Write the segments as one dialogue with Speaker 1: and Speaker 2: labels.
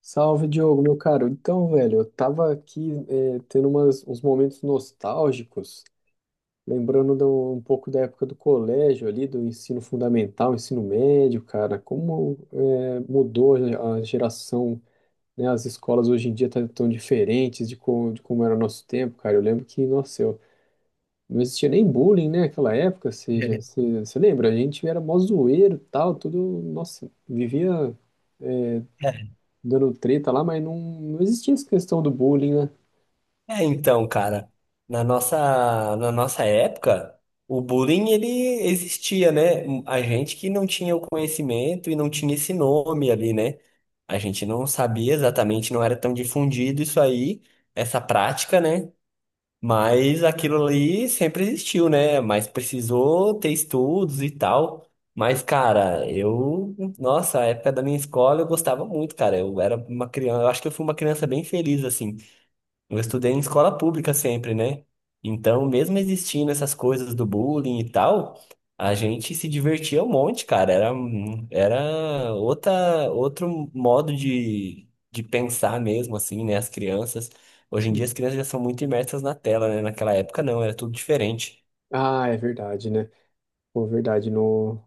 Speaker 1: Salve, Diogo, meu caro. Então, velho, eu tava aqui tendo uns momentos nostálgicos, lembrando um pouco da época do colégio ali, do ensino fundamental, ensino médio, cara. Como mudou a geração, né? As escolas hoje em dia estão tão diferentes de como era o nosso tempo, cara. Eu lembro que, nossa, eu, não existia nem bullying, né, naquela época, ou seja,
Speaker 2: É,
Speaker 1: você lembra? A gente era mó zoeiro e tal, tudo, nossa, vivia dando treta lá, mas não existia essa questão do bullying, né?
Speaker 2: é, então, cara, na nossa, na nossa época, o bullying ele existia, né? A gente que não tinha o conhecimento e não tinha esse nome ali, né? A gente não sabia exatamente, não era tão difundido isso aí, essa prática, né? Mas aquilo ali sempre existiu, né? Mas precisou ter estudos e tal. Mas, cara, eu, nossa, a época da minha escola eu gostava muito, cara. Eu era uma criança, eu acho que eu fui uma criança bem feliz, assim. Eu estudei em escola pública sempre, né? Então, mesmo existindo essas coisas do bullying e tal, a gente se divertia um monte, cara. Era, era outra, outro modo de pensar mesmo, assim, né? As crianças. Hoje em dia
Speaker 1: Sim.
Speaker 2: as crianças já são muito imersas na tela, né? Naquela época não, era tudo diferente.
Speaker 1: Ah, é verdade, né? Pô, verdade, no,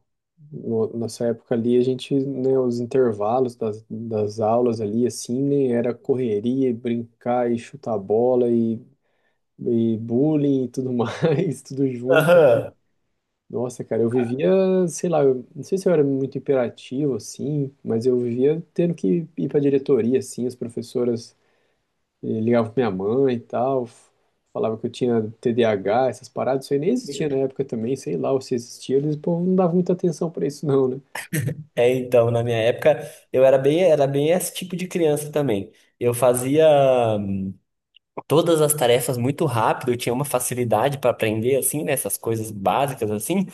Speaker 1: no- nessa época ali, a gente, né, os intervalos das aulas ali, assim, né, era correria, e brincar e chutar bola e bullying e tudo mais, tudo junto.
Speaker 2: Aham.
Speaker 1: Nossa, cara, eu vivia, sei lá, eu, não sei se eu era muito hiperativo, assim, mas eu vivia tendo que ir pra diretoria, assim, as professoras. Eu ligava pra minha mãe e tal, falava que eu tinha TDAH, essas paradas, isso aí nem existia na época também, sei lá, ou se existia, eles, o povo não dava muita atenção pra isso não, né?
Speaker 2: É, então, na minha época, eu era bem esse tipo de criança também. Eu fazia. Todas as tarefas muito rápido, eu tinha uma facilidade para aprender, assim, né? Essas coisas básicas, assim,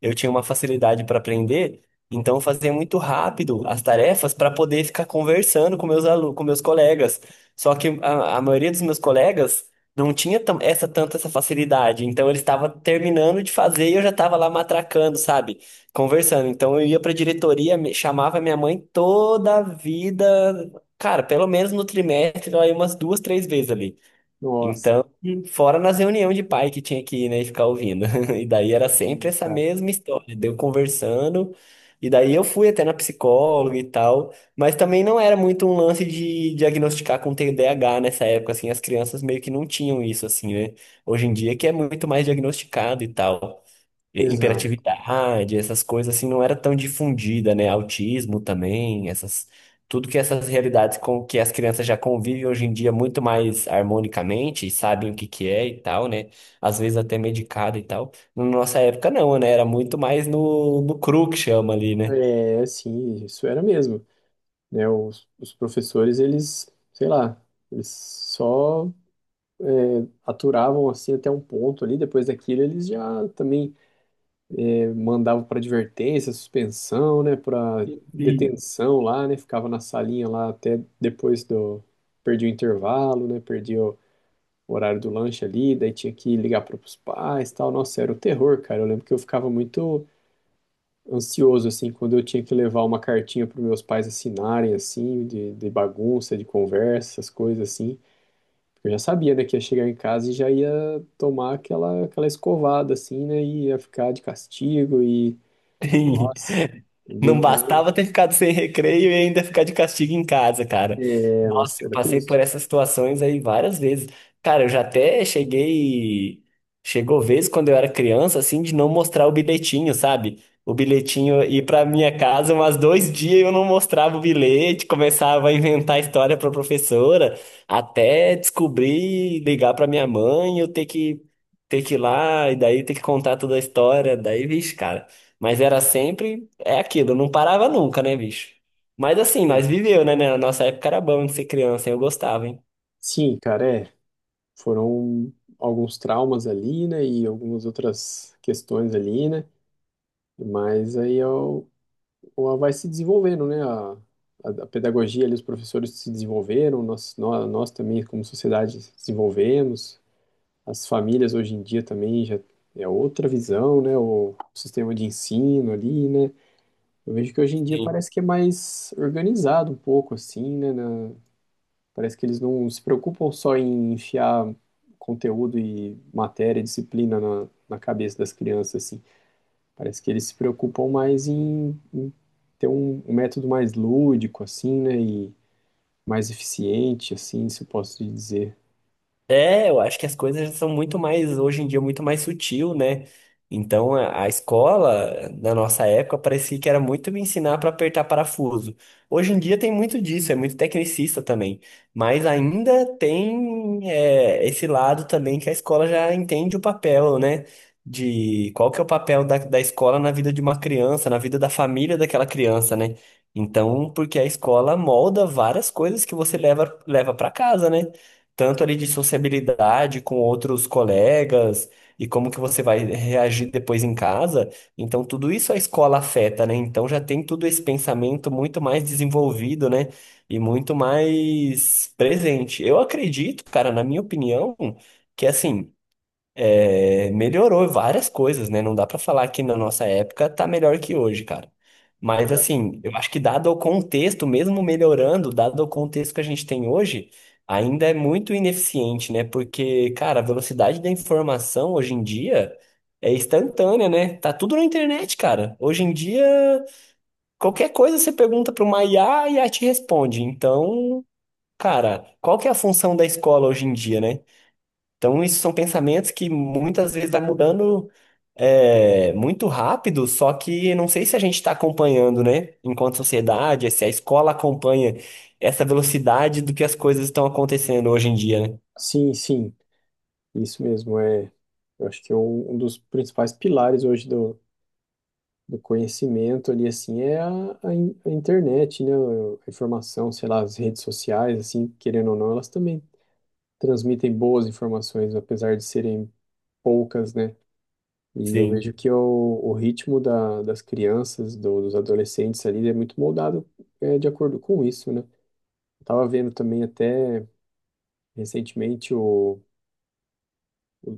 Speaker 2: eu tinha uma facilidade para aprender, então eu fazia muito rápido as tarefas para poder ficar conversando com meus alunos, com meus colegas. Só que a maioria dos meus colegas não tinha essa tanta essa facilidade, então eles estavam terminando de fazer e eu já estava lá matracando, sabe? Conversando. Então eu ia para a diretoria, chamava minha mãe toda a vida. Cara, pelo menos no trimestre, ela ia umas duas, três vezes ali.
Speaker 1: Nossa,
Speaker 2: Então, fora nas reuniões de pai que tinha que ir, né, e ficar ouvindo. E daí era sempre
Speaker 1: sim,
Speaker 2: essa
Speaker 1: cara.
Speaker 2: mesma história, deu conversando, e daí eu fui até na psicóloga e tal, mas também não era muito um lance de diagnosticar com TDAH nessa época, assim, as crianças meio que não tinham isso, assim, né? Hoje em dia que é muito mais diagnosticado e tal.
Speaker 1: Exato.
Speaker 2: Hiperatividade, essas coisas assim não era tão difundida, né? Autismo também, essas tudo que essas realidades com que as crianças já convivem hoje em dia muito mais harmonicamente, e sabem o que que é e tal, né? Às vezes até medicado e tal. Na nossa época não, né? Era muito mais no, no cru que chama ali, né?
Speaker 1: É, assim, isso era mesmo, né? Os professores, eles, sei lá, eles só aturavam assim até um ponto ali, depois daquilo eles já também mandava para advertência, suspensão, né, para
Speaker 2: Sim.
Speaker 1: detenção lá, né, ficava na salinha lá até depois do perdi o intervalo, né, perdi o horário do lanche ali, daí tinha que ligar para os pais, tal. Nossa, era o terror, cara. Eu lembro que eu ficava muito ansioso assim quando eu tinha que levar uma cartinha para meus pais assinarem assim, de bagunça, de conversa, essas coisas assim. Eu já sabia, né, que ia chegar em casa e já ia tomar aquela, aquela escovada, assim, né, e ia ficar de castigo e nossa,
Speaker 2: Não
Speaker 1: bem- era,
Speaker 2: bastava ter ficado sem recreio e ainda ficar de castigo em casa, cara.
Speaker 1: nossa,
Speaker 2: Nossa, eu
Speaker 1: era
Speaker 2: passei por
Speaker 1: triste.
Speaker 2: essas situações aí várias vezes. Cara, eu já até cheguei. Chegou vez quando eu era criança, assim, de não mostrar o bilhetinho, sabe? O bilhetinho ir pra minha casa umas dois dias eu não mostrava o bilhete, começava a inventar história pra professora, até descobrir, ligar pra minha mãe, eu ter que ir lá, e daí ter que contar toda a história. Daí, vixe, cara. Mas era sempre. É aquilo, não parava nunca, né, bicho? Mas assim,
Speaker 1: Hum.
Speaker 2: nós viveu, né? Na nossa época era bom de ser criança, eu gostava, hein?
Speaker 1: Sim, cara, é. Foram alguns traumas ali, né? E algumas outras questões ali, né? Mas aí eu, vai se desenvolvendo, né? A pedagogia ali, os professores se desenvolveram, nós também, como sociedade, se desenvolvemos. As famílias hoje em dia também já é outra visão, né? O sistema de ensino ali, né? Eu vejo que hoje em dia parece que é mais organizado um pouco, assim, né? Parece que eles não se preocupam só em enfiar conteúdo e matéria, e disciplina na cabeça das crianças, assim. Parece que eles se preocupam mais em ter um método mais lúdico, assim, né? E mais eficiente, assim, se eu posso dizer.
Speaker 2: É, eu acho que as coisas são muito mais, hoje em dia, muito mais sutil, né? Então, a escola, na nossa época, parecia que era muito me ensinar para apertar parafuso. Hoje em dia tem muito disso, é muito tecnicista também. Mas ainda tem, é, esse lado também que a escola já entende o papel, né? De qual que é o papel da escola na vida de uma criança, na vida da família daquela criança, né? Então, porque a escola molda várias coisas que você leva, leva para casa, né? tanto ali de sociabilidade com outros colegas e como que você vai reagir depois em casa. Então, tudo isso a escola afeta, né? Então, já tem tudo esse pensamento muito mais desenvolvido, né? E muito mais presente. Eu acredito, cara, na minha opinião, que assim. É, melhorou várias coisas, né? Não dá pra falar que na nossa época tá melhor que hoje, cara. Mas
Speaker 1: Exato.
Speaker 2: assim, eu acho que dado o contexto, mesmo melhorando, dado o contexto que a gente tem hoje, ainda é muito ineficiente, né? Porque, cara, a velocidade da informação hoje em dia é instantânea, né? Tá tudo na internet, cara. Hoje em dia, qualquer coisa você pergunta para uma IA e a IA te responde. Então, cara, qual que é a função da escola hoje em dia, né? Então, isso são pensamentos que muitas vezes vai mudando muito rápido, só que não sei se a gente está acompanhando, né? Enquanto sociedade, se a escola acompanha essa velocidade do que as coisas estão acontecendo hoje em dia, né?
Speaker 1: Sim, sim, isso mesmo. É, eu acho que é um dos principais pilares hoje do, do conhecimento ali, assim, é a internet, né? A informação, sei lá, as redes sociais, assim, querendo ou não, elas também transmitem boas informações, apesar de serem poucas, né? E eu
Speaker 2: Sim,
Speaker 1: vejo que o ritmo da, das crianças, dos adolescentes ali, é muito moldado de acordo com isso, né? Eu tava vendo também até recentemente o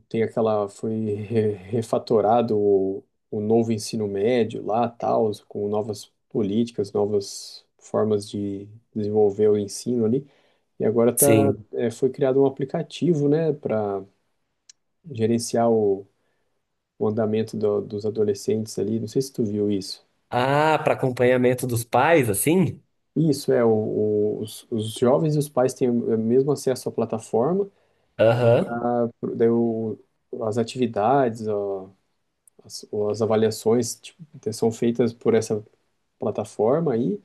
Speaker 1: tem aquela foi refatorado o novo ensino médio lá, tal, com novas políticas, novas formas de desenvolver o ensino ali. E agora tá,
Speaker 2: sim.
Speaker 1: é, foi criado um aplicativo, né, para gerenciar o andamento dos adolescentes ali. Não sei se tu viu isso.
Speaker 2: Ah, para acompanhamento dos pais, assim?
Speaker 1: Isso, é, os jovens e os pais têm o mesmo acesso à plataforma,
Speaker 2: Aham.
Speaker 1: daí as atividades, ó, as avaliações, tipo, são feitas por essa plataforma aí,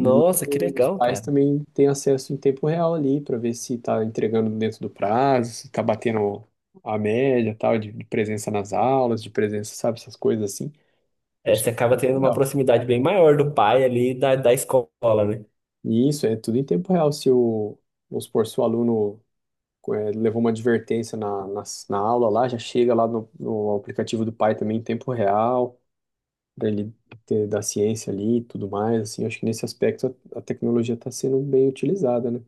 Speaker 1: e
Speaker 2: que
Speaker 1: os
Speaker 2: legal,
Speaker 1: pais
Speaker 2: cara.
Speaker 1: também têm acesso em tempo real ali para ver se está entregando dentro do prazo, se está batendo a média, tal, de presença nas aulas, de presença, sabe, essas coisas assim. Eu
Speaker 2: É, você
Speaker 1: achei isso
Speaker 2: acaba
Speaker 1: bem
Speaker 2: tendo uma
Speaker 1: legal.
Speaker 2: proximidade bem maior do pai ali da escola, né?
Speaker 1: E isso é tudo em tempo real. Se vamos supor, se o aluno levou uma advertência na aula lá, já chega lá no aplicativo do pai também em tempo real, para ele ter da ciência ali e tudo mais. Assim, acho que nesse aspecto a tecnologia está sendo bem utilizada, né?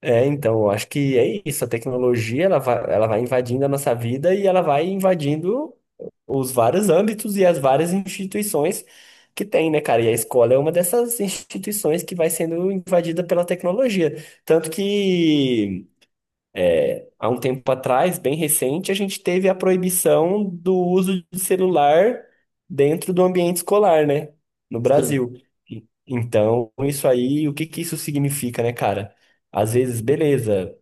Speaker 2: É, então, eu acho que é isso. A tecnologia, ela vai invadindo a nossa vida e ela vai invadindo os vários âmbitos e as várias instituições que tem, né, cara? E a escola é uma dessas instituições que vai sendo invadida pela tecnologia. Tanto que, há um tempo atrás, bem recente, a gente teve a proibição do uso de celular dentro do ambiente escolar, né, no
Speaker 1: Sim,
Speaker 2: Brasil. Então, isso aí, o que que isso significa, né, cara? Às vezes, beleza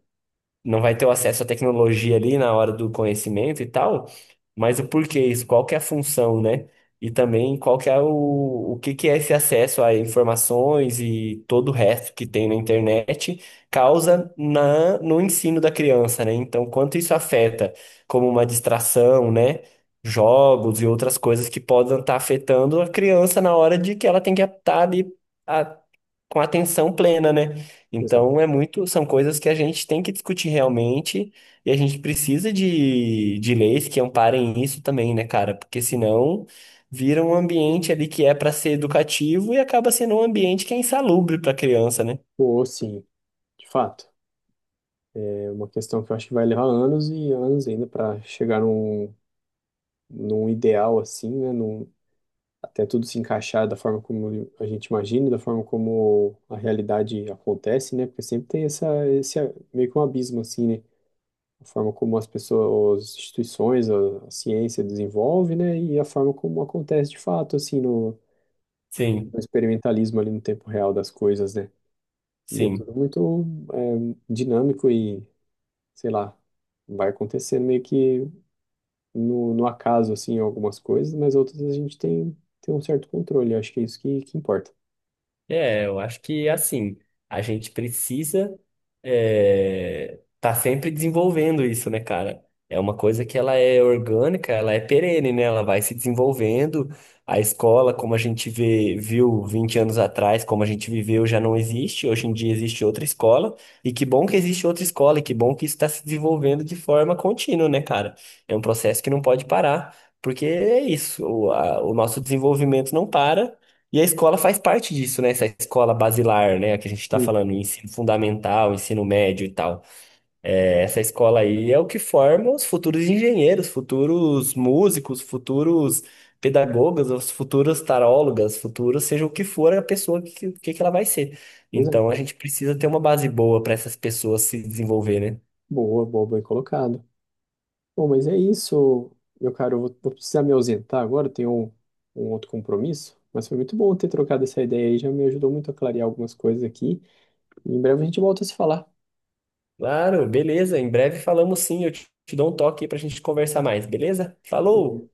Speaker 2: não vai ter o acesso à tecnologia ali na hora do conhecimento e tal, mas o porquê isso, qual que é a função, né? E também qual que é o que que é esse acesso a informações e todo o resto que tem na internet causa na, no ensino da criança, né? Então, quanto isso afeta como uma distração, né? Jogos e outras coisas que podem estar afetando a criança na hora de que ela tem que estar ali com atenção plena, né?
Speaker 1: exato.
Speaker 2: Então é muito, são coisas que a gente tem que discutir realmente e a gente precisa de leis que amparem isso também, né, cara? Porque senão vira um ambiente ali que é para ser educativo e acaba sendo um ambiente que é insalubre para criança, né?
Speaker 1: Ou sim, de fato. É uma questão que eu acho que vai levar anos e anos ainda para chegar num, num ideal assim, né? Num, até tudo se encaixar da forma como a gente imagina, da forma como a realidade acontece, né? Porque sempre tem essa, esse meio que um abismo assim, né? A forma como as pessoas, as instituições, a ciência desenvolve, né? E a forma como acontece de fato, assim,
Speaker 2: Sim,
Speaker 1: no experimentalismo ali no tempo real das coisas, né? E é
Speaker 2: sim.
Speaker 1: tudo muito dinâmico e, sei lá, vai acontecendo meio que no acaso, assim, algumas coisas, mas outras a gente tem, tem um certo controle. Eu acho que é isso que importa.
Speaker 2: É, eu acho que assim, a gente precisa tá sempre desenvolvendo isso, né, cara? É uma coisa que ela é orgânica, ela é perene, né? Ela vai se desenvolvendo. A escola, como a gente vê, viu 20 anos atrás, como a gente viveu, já não existe. Hoje em dia existe outra escola. E que bom que existe outra escola, e que bom que isso está se desenvolvendo de forma contínua, né, cara? É um processo que não pode parar, porque é isso, o nosso desenvolvimento não para. E a escola faz parte disso, né? Essa escola basilar, né? Que a gente está falando, ensino fundamental, ensino médio e tal. É, essa escola aí é o que forma os futuros engenheiros, futuros músicos, futuros pedagogas, os futuros tarólogas, futuros, seja o que for a pessoa que ela vai ser.
Speaker 1: Pois
Speaker 2: Então a
Speaker 1: é.
Speaker 2: gente precisa ter uma base boa para essas pessoas se desenvolver, né?
Speaker 1: Boa, boa, bem colocado. Bom, mas é isso, meu caro. Eu vou, vou precisar me ausentar agora, eu tenho um outro compromisso. Mas foi muito bom ter trocado essa ideia aí, já me ajudou muito a clarear algumas coisas aqui. Em breve a gente volta a se falar.
Speaker 2: Claro, beleza. Em breve falamos sim. Eu te, te dou um toque aí para a gente conversar mais, beleza? Falou!